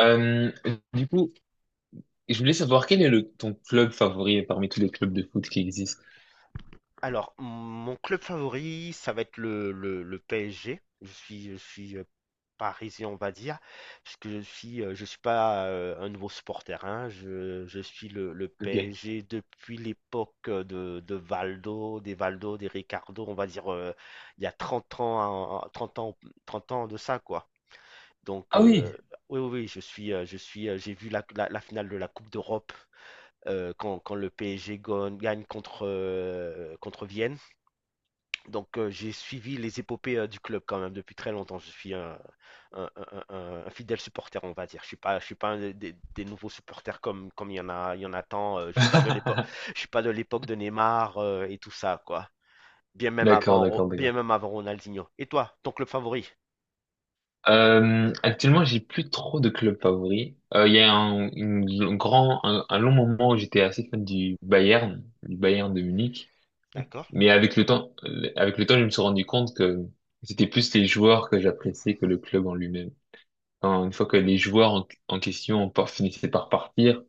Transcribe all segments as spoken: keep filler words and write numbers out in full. Euh, du coup, je voulais savoir quel est le, ton club favori parmi tous les clubs de foot qui existent. Alors, mon club favori, ça va être le, le, le P S G. Je suis, je suis euh, parisien, on va dire, parce que je suis, euh, je suis pas euh, un nouveau supporter, hein. Je, je suis le, le Ok. P S G depuis l'époque euh, de, de Valdo, des Valdo, des Ricardo, on va dire, euh, il y a trente ans, en- en- trente ans, trente ans de ça, quoi. Donc, Ah oui. euh, oui, oui, oui, je suis, euh, je suis, euh, j'ai vu la, la- la finale de la Coupe d'Europe, euh, quand, quand le P S G gon- gagne contre, euh, contre Vienne. Donc euh, j'ai suivi les épopées euh, du club quand même depuis très longtemps. Je suis un, un- un- un- un fidèle supporter, on va dire. Je suis pas, je suis pas un des, des- des nouveaux supporters comme comme il y en a, il y en a tant. Euh, je suis pas de l'époque, je suis pas de l'époque de Neymar, euh, et tout ça, quoi. Bien même D'accord, avant, Ro- d'accord, Bien d'accord. même avant Ronaldinho. Et toi, ton club favori? Euh, actuellement, j'ai plus trop de clubs favoris. Euh, Il y a un, une- un grand, un, un long moment où j'étais assez fan du Bayern, du Bayern de Munich. D'accord, Mais avec le temps, euh, avec le temps, je me suis rendu compte que c'était plus les joueurs que j'appréciais que le club en lui-même. Enfin, une fois que les joueurs en, en question par- finissaient par partir,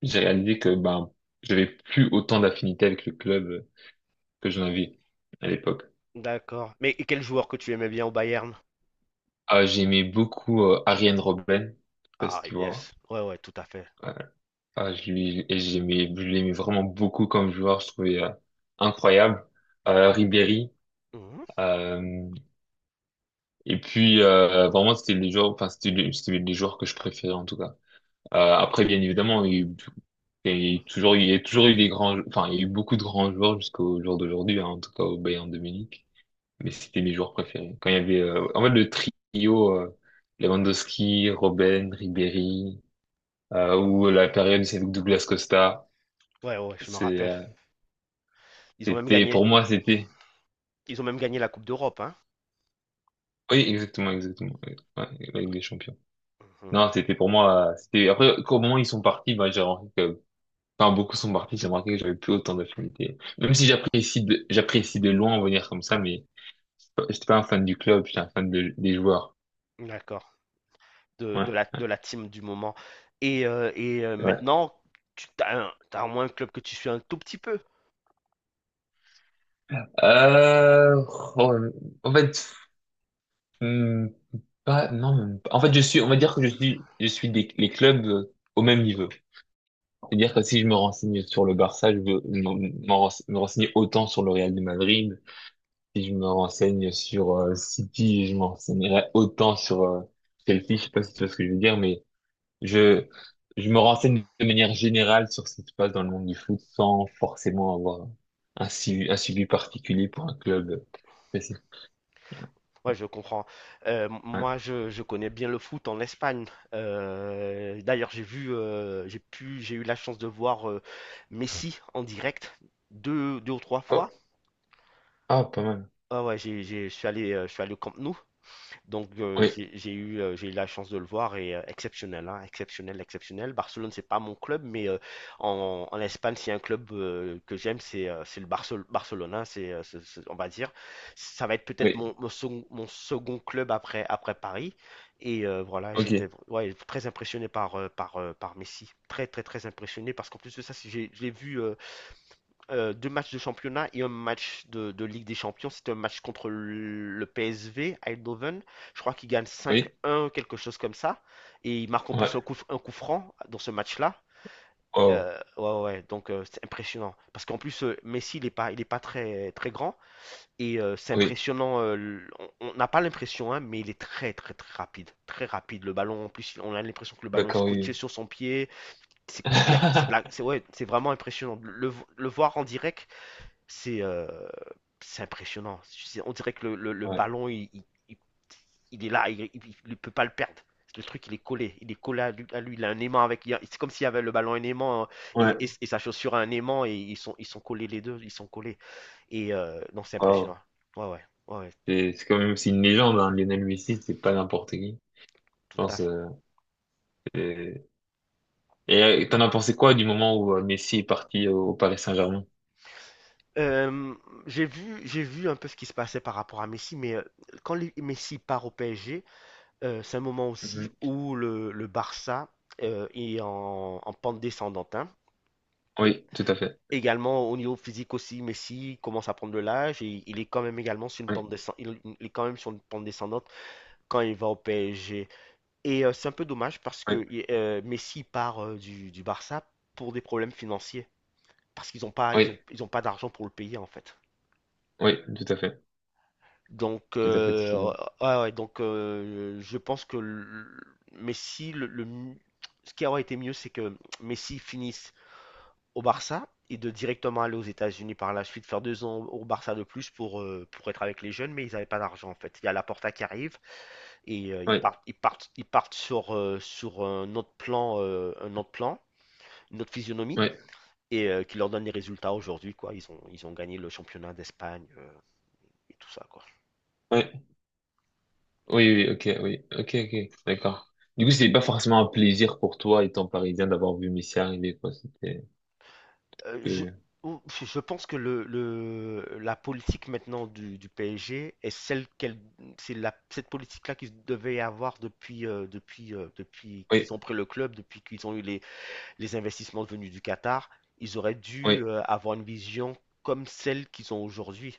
j'ai réalisé que ben j'avais plus autant d'affinité avec le club euh, que j'en avais à l'époque. d'accord. Mais et quel joueur que tu aimais bien au Bayern? Ah, j'aimais beaucoup euh, Arjen Robben, je sais pas Ah si tu vois. yes, ouais, ouais, tout à fait. Ouais. Ah, je lui- et j'aimais, je l'aimais vraiment beaucoup comme joueur, je trouvais euh, incroyable. Euh, Ribéry, Mhm. euh, et puis euh, vraiment c'était les joueurs, enfin c'était les, c'était les joueurs que je préférais en tout cas. Euh, après bien évidemment, il y a eu il y a eu toujours, il y a toujours eu des grands, enfin il y a eu beaucoup de grands joueurs jusqu'au jour d'aujourd'hui, hein, en tout cas au Bayern de Munich. Mais c'était mes joueurs préférés. Quand il y avait, euh, en fait, le trio, euh, Lewandowski, Robben, Ribéry, euh, ou la période où c'est avec Douglas Costa, Ouais, ouais, je me c'est, rappelle. euh, Ils ont même c'était, gagné, pour moi, c'était, Ils ont même gagné la Coupe d'Europe, hein. oui, exactement, exactement, ouais, ouais, la Ligue des Champions. Mhm. Non, c'était pour moi, euh, c'était, après, au moment où ils sont partis, bah, j'ai remarqué que, enfin, beaucoup sont partis, j'ai remarqué que j'avais plus autant d'affinité. Même si j'apprécie de, j'apprécie de loin venir comme ça, mais j'étais pas j'étais pas un fan du club, j'étais un fan de- des joueurs. D'accord. de, de Ouais, la, de la team du moment. Et, euh, et euh, ouais. maintenant, tu as, un, t'as au moins un club que tu suis un tout petit peu. Euh, oh, en fait, Hmm, pas, non, même pas. En fait, je suis, on va dire que je suis, je suis des, les clubs euh, au même niveau. C'est-à-dire que si je me renseigne sur le Barça, je veux m'en- m'en rense- me renseigner autant sur le Real de Madrid. Si je me renseigne sur euh, City, je me renseignerai autant sur euh, Chelsea. Je sais pas si tu vois ce que je veux dire, mais je, je me renseigne de manière générale sur ce qui se passe dans le monde du foot sans forcément avoir un suivi, un suivi particulier pour un club. Spécifique. Ouais, je comprends. Euh, Ouais. Moi, je, je connais bien le foot en Espagne. Euh, d'ailleurs, j'ai vu, euh, j'ai pu, j'ai eu la chance de voir euh, Messi en direct deux, deux ou trois fois. Oh, ah, pas mal. Ah ouais, j'ai, j'ai- je suis allé, euh, je suis allé au Camp Nou. Donc euh, Oui, j'ai j'ai eu, euh, j'ai eu la chance de le voir, et euh, exceptionnel, hein, exceptionnel, exceptionnel. Barcelone, c'est pas mon club, mais euh, en, en Espagne, s'il y a un club euh, que j'aime, c'est euh, c'est le Barcel- Barcelone, hein, c'est, euh, c'est- c'est- on va dire. Ça va être peut-être oui, mon, mon, second, mon second club après, après Paris. Et euh, voilà, j'étais, ok. ouais, très impressionné par, euh, par, euh, par Messi. Très, très, très impressionné parce qu'en plus de ça, si j'ai- je l'ai vu euh, euh, deux matchs de championnat et un match de, de Ligue des Champions. C'était un match contre le P S V, Eindhoven. Je crois qu'il gagne Oui, cinq un, quelque chose comme ça. Et il marque en plus un ouais, coup, un coup franc dans ce match-là. wow, Euh, ouais, ouais, ouais. Donc euh, c'est impressionnant. Parce qu'en plus, euh, Messi, il n'est pas, il est pas très, très grand. Et euh, c'est oui, impressionnant. Euh, l- on on n'a pas l'impression, hein, mais il est très, très, très rapide. Très rapide. Le ballon, en plus, on a l'impression que le ballon est d'accord, scotché oui, sur son pied. C'est oui. c'est- il y a- c'est de la- c'est- Ouais, c'est vraiment impressionnant. Le, le voir en direct, c'est euh, c'est impressionnant. C'est- On dirait que le, le- le Ouais, ballon, il, il- il- il est là, il ne peut pas le perdre. Le truc, il est collé, il est collé à lui, à lui. Il a un aimant avec. il y a- C'est comme s'il y avait le ballon, un aimant, hein, et et- ouais, et sa chaussure a un aimant, et ils sont, ils sont collés les deux, ils sont collés. Et euh, non, c'est wow. impressionnant. Ouais, ouais, ouais, ouais, C'est c'est quand même aussi une légende, hein. Lionel Messi, c'est pas n'importe qui. Je tout à pense, fait. euh, c'est- et euh, t'en as pensé quoi du moment où euh, Messi est parti au, au Paris Saint-Germain? Euh, j'ai vu, j'ai vu un peu ce qui se passait par rapport à Messi, mais euh, quand les- Messi part au P S G. Euh, c'est un moment aussi Mhm. où le, le Barça euh, est en, en pente descendante, hein. Oui, tout à fait. Également au niveau physique aussi, Messi commence à prendre de l'âge et il est quand même également sur une Oui, pente descendante. Il, il est quand même sur une pente descendante quand il va au P S G. Et euh, c'est un peu dommage parce oui, que euh, Messi part euh, du, du Barça pour des problèmes financiers. Parce qu'ils n'ont pas, ils oui, ont, ils ont pas d'argent pour le payer en fait. oui, tout à fait. Donc, Tout à fait, tout à euh, fait. ah ouais, donc euh, je pense que le- Messi, le, le mi- ce qui aurait été mieux, c'est que Messi finisse au Barça et de directement aller aux États-Unis par la suite, faire deux ans au Barça de plus pour, euh, pour être avec les jeunes, mais ils n'avaient pas d'argent en fait. Il y a Laporta qui arrive, et euh, ils Oui, partent, ils partent, ils partent sur, euh, sur un autre plan, euh, un autre plan, une autre physionomie, oui, et euh, qui leur donne des résultats aujourd'hui, quoi. Ils ont, ils ont gagné le championnat d'Espagne, euh, et tout ça, quoi. oui, oui, oui, ok, oui, ok, ok, d'accord. Du coup, c'était pas forcément un plaisir pour toi, étant parisien, d'avoir vu Messi arriver, quoi. C'était, Euh, je, euh, ou- je pense que le, le- la politique maintenant du, du P S G est celle qu'elle, c'est la, cette politique-là qu'ils devaient avoir depuis, euh, depuis, euh, depuis oui, qu'ils ont pris le club, depuis qu'ils ont eu les, les investissements venus du Qatar. Ils auraient oui, dû euh, avoir une vision comme celle qu'ils ont aujourd'hui.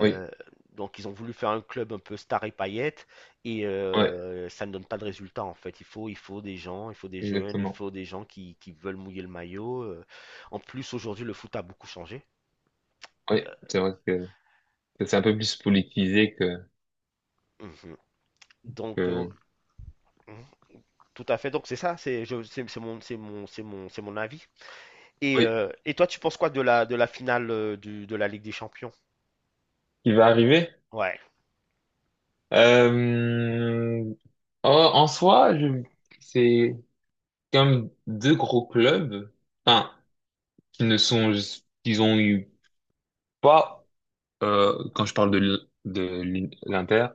oui, oui. donc ils ont voulu faire un club un peu star et paillettes, et Ouais, euh, ça ne donne pas de résultat en fait. Il faut, il faut des gens, il faut des jeunes, il exactement. faut des gens qui, qui veulent mouiller le maillot. euh. En plus, aujourd'hui, le foot a beaucoup changé. Oui, c'est vrai que c'est un peu plus politisé que, Mhm. Donc euh, que... mhm, tout à fait. Donc c'est ça, c'est je- c'est c'est mon c'est mon c'est mon c'est mon avis. Et, Oui, euh, et toi, tu penses quoi de la de la finale, euh, du- de la Ligue des Champions? qui va arriver. Ouais. Euh... en en soi, je... c'est comme deux gros clubs, enfin, qui ne sont, qu'ils ont eu pas, euh, quand je parle de l- de l'I- l'Inter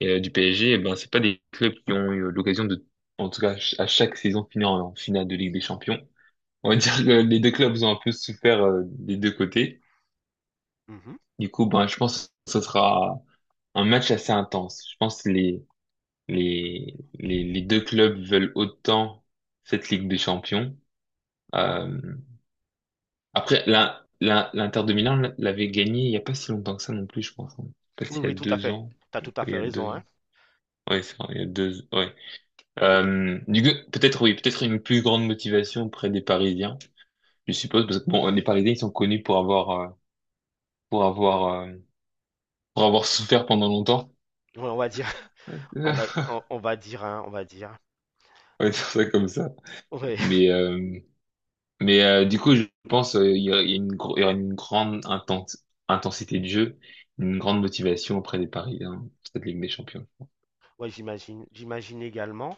et euh, du P S G, eh ben, c'est pas des clubs qui ont eu l'occasion de, en tout cas, ch- à chaque saison finir en finale de Ligue des Champions. On va dire que les deux clubs ont un peu souffert euh, des deux côtés. Mhm. Du coup, ben, je pense que ce sera un match assez intense. Je pense que les, les, les, les deux clubs veulent autant cette Ligue des Champions. Euh, après, l'In- l'In- l'Inter de Milan l'avait gagné il y a pas si longtemps que ça non plus, je pense, hein. Je sais pas Oui, s'il y a oui, tout à deux fait. ans. T'as Oui, tout à il fait y a raison, deux ans. hein. Ouais, c'est vrai, il y a deux, ouais. Et que- Euh, du coup, peut-être, oui, peut-être une plus grande motivation auprès des Parisiens, je suppose, parce que bon, les Parisiens, ils sont connus pour avoir, euh, pour avoir, euh, pour avoir souffert pendant longtemps. ouais, on va dire On on va on, on va dire, hein, on va dire. va dire ça comme ça. Ouais. Mais, euh, mais euh, du coup, je pense euh, il y a il y a une, gro- il y aura une grande inten- intensité de jeu, une grande motivation auprès des Parisiens, cette Ligue des Champions. Ouais, j'imagine, j'imagine également.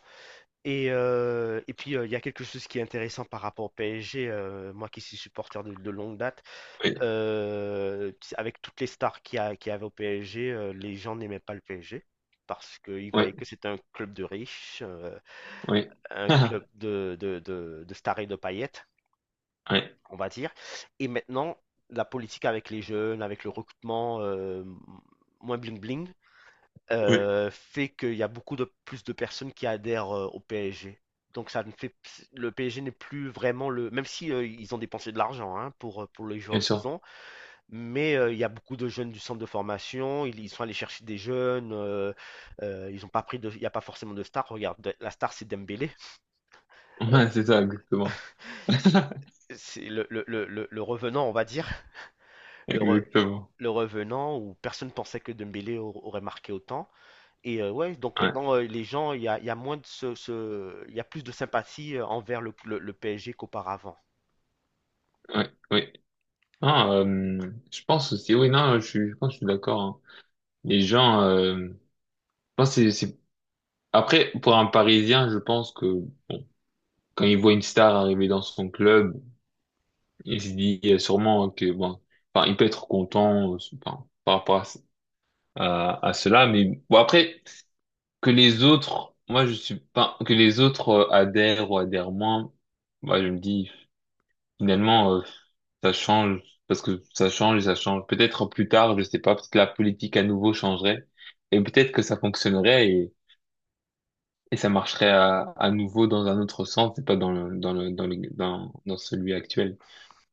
Et, euh, et puis, euh, il y a quelque chose qui est intéressant par rapport au P S G. Euh, moi qui suis supporter de, de longue date, Oui, euh, avec toutes les stars qu'il y, a- qu'il y avait au P S G, euh, les gens n'aimaient pas le P S G parce qu'ils oui, voyaient que c'était un club de riches, euh, oui. un club de, de, de, de stars et de paillettes, Oui, on va dire. Et maintenant, la politique avec les jeunes, avec le recrutement, euh, moins bling-bling, oui, euh, fait qu'il y a beaucoup de plus de personnes qui adhèrent, euh, au P S G. Donc ça ne fait Le P S G n'est plus vraiment le même si euh, ils ont dépensé de l'argent, hein, pour euh, pour les bien joueurs qu'ils sûr. ont, mais euh, il y a beaucoup de jeunes du centre de formation, ils, ils sont allés chercher des jeunes, euh, euh, ils ont pas pris de il n'y a pas forcément de star. Regarde, de- la star, c'est Dembélé. Euh, Ouais, c'est ça, exactement. c'est c'est le, le, le, le- le revenant, on va dire, le, re- Exactement. le revenant où personne pensait que Dembélé au- aurait marqué autant. Et euh, ouais, donc Ouais, maintenant, euh, les gens, il y a, il y a moins de ce, ce- il y a plus de sympathie euh, envers le, le- le P S G qu'auparavant. ouais, oui. Non, euh, je pense aussi, oui, non, je suis, je pense que je suis d'accord, hein. Les gens, euh, je pense que c'est, c'est- après, pour un Parisien, je pense que, bon, quand il voit une star arriver dans son club, il se dit euh, sûrement que bon, enfin, il peut être content euh, enfin, par rapport à, ce- à, à cela, mais bon après que les autres, moi je suis pas que les autres euh, adhèrent ou adhèrent moins, moi je me dis finalement euh, ça change parce que ça change et ça change. Peut-être plus tard, je sais pas, peut-être la politique à nouveau changerait et peut-être que ça fonctionnerait et, et ça marcherait à, à nouveau dans un autre sens, et pas dans le, dans le, dans le, dans, dans celui actuel.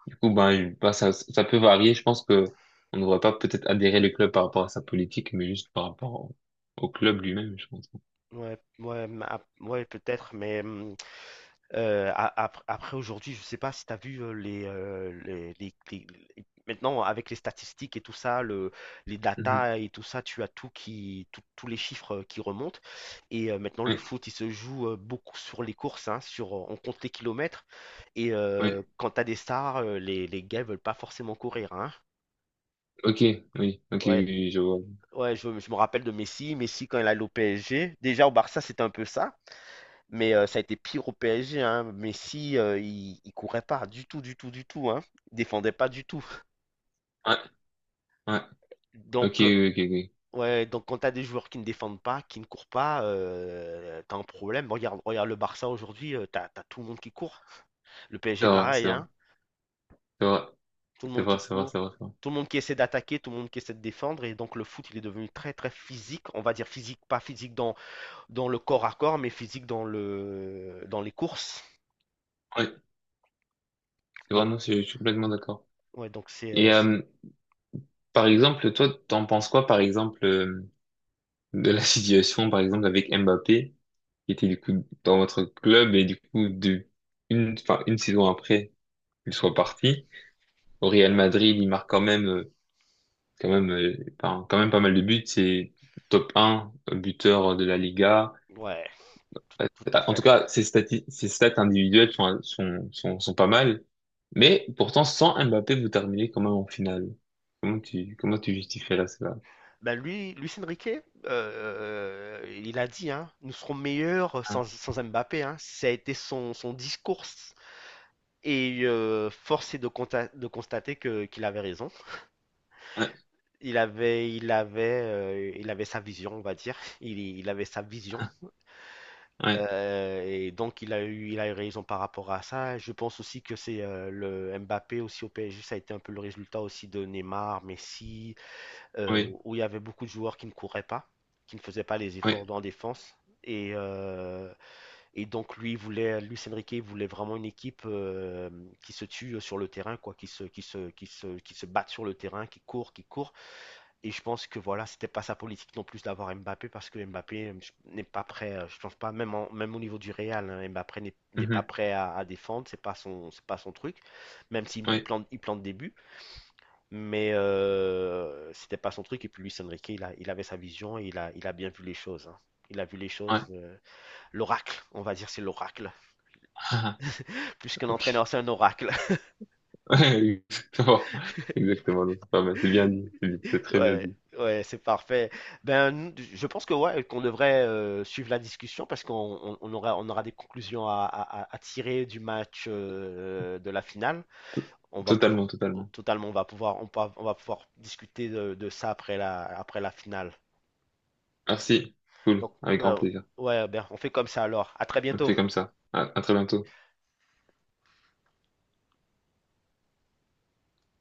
Du coup, ben, je- ben, ça, ça peut varier. Je pense que on ne devrait pas peut-être adhérer le club par rapport à sa politique, mais juste par rapport au, au club lui-même, je pense. Ouais, ouais, ma- ouais, peut-être, mais hum, Euh, a- ap- après, aujourd'hui, je ne sais pas si tu as vu euh, les, euh, les- les- les- les- maintenant, avec les statistiques et tout ça, le, les Mhm. datas et tout ça, tu as tout qui, tout- tous les chiffres euh, qui remontent. Et euh, maintenant, le Oui, foot, il se joue euh, beaucoup sur les courses, hein, sur, on compte les kilomètres. Et ouais, euh, quand tu as des stars, euh, les, les gars veulent pas forcément courir, hein. ok, oui, ok, Ouais, oui, oui, je vois. ouais, je, je me rappelle de Messi. Messi, quand il allait au P S G, déjà au Barça, c'était un peu ça. Mais euh, ça a été pire au P S G, hein. Messi, euh, il, il courait pas du tout, du tout, du tout, hein. Il défendait pas du tout. Ouais, ouais, ok, Donc, euh, oui, ok, ok. ouais, donc quand t'as des joueurs qui ne défendent pas, qui ne courent pas, euh, t'as un problème. Regarde, regarde le Barça aujourd'hui, euh, t'as, t'as tout le monde qui court. Le C'est P S G, vrai, pareil, c'est vrai, hein. c'est vrai, Tout le c'est monde vrai, qui c'est vrai, court. c'est vrai. C'est vrai. Tout le monde qui essaie d'attaquer, tout le monde qui essaie de défendre. Et donc, le foot, il est devenu très, très physique. On va dire physique, pas physique dans dans le corps à corps, mais physique dans le, dans les courses. Ouais, c'est vrai, Donc, non, je, je suis complètement d'accord. ouais, donc c'est, euh, Et euh, par exemple, toi, t'en penses quoi, par exemple, euh, de la situation, par exemple, avec Mbappé, qui était du coup dans votre club et du coup de une, enfin une saison après. Qu'il soit parti. Au Real Madrid, il marque quand même, euh, quand même, euh, enfin, quand même pas mal de buts. C'est top un euh, buteur de la Liga. ouais, tout Euh, tout à En tout fait. cas, ses stati- ses stats individuelles sont, sont, sont, sont pas mal. Mais pourtant, sans Mbappé, vous terminez quand même en finale. Comment tu, comment tu justifies là, cela? Bah lui, Luis Enrique, euh, euh, il a dit, hein, nous serons meilleurs sans, Hein. sans Mbappé, hein. Ça a été son, son discours. Et euh, force est de, conta- de constater que, qu'il avait raison. Ouais, Il avait, il avait, euh, il avait sa vision, on va dire. Il, il avait sa vision. Euh, et donc, il a eu, il a eu raison par rapport à ça. Je pense aussi que c'est euh, le Mbappé aussi au P S G. Ça a été un peu le résultat aussi de Neymar, Messi, euh, ouais, où il y avait beaucoup de joueurs qui ne couraient pas, qui ne faisaient pas les oui, efforts en défense. Et, euh, et donc, lui il voulait, Luis Enrique voulait vraiment une équipe euh, qui se tue sur le terrain, quoi, qui se, qui se, qui se, qui se batte sur le terrain, qui court, qui court. Et je pense que voilà, c'était pas sa politique non plus d'avoir Mbappé parce que Mbappé n'est pas prêt, euh, je pense pas, même, en- même au niveau du Real, hein, Mbappé n'est oui, n'est pas mhm, prêt à, à défendre, c'est pas son, c'est pas son truc. Même s'il oui, il ouais, plante, il plante des buts, mais euh, c'était pas son truc. Et puis Luis Enrique, il a- il avait sa vision et il a, il a bien vu les choses, hein. Il a vu les choses. ah, euh, L'oracle, on va dire, c'est l'oracle. ah, Plus qu'un entraîneur, c'est un oracle. ouais, exactement. Exactement, donc c'est pas mal. C'est bien dit. C'est c'est très bien Ouais, dit. ouais, c'est parfait. Ben, nous, je pense que ouais, qu'on devrait euh, suivre la discussion parce qu'on on- on aura, on aura des conclusions à, à- à- à tirer du match, euh, de la finale. On va pouvoir, Totalement, totalement. totalement, on va pouvoir, on, peut- On va pouvoir discuter de, de ça après la, après la finale. Merci. Cool. Donc, Avec grand ben, plaisir. ouais, ben, on fait comme ça alors. À très On bientôt. fait comme ça. À, à très bientôt.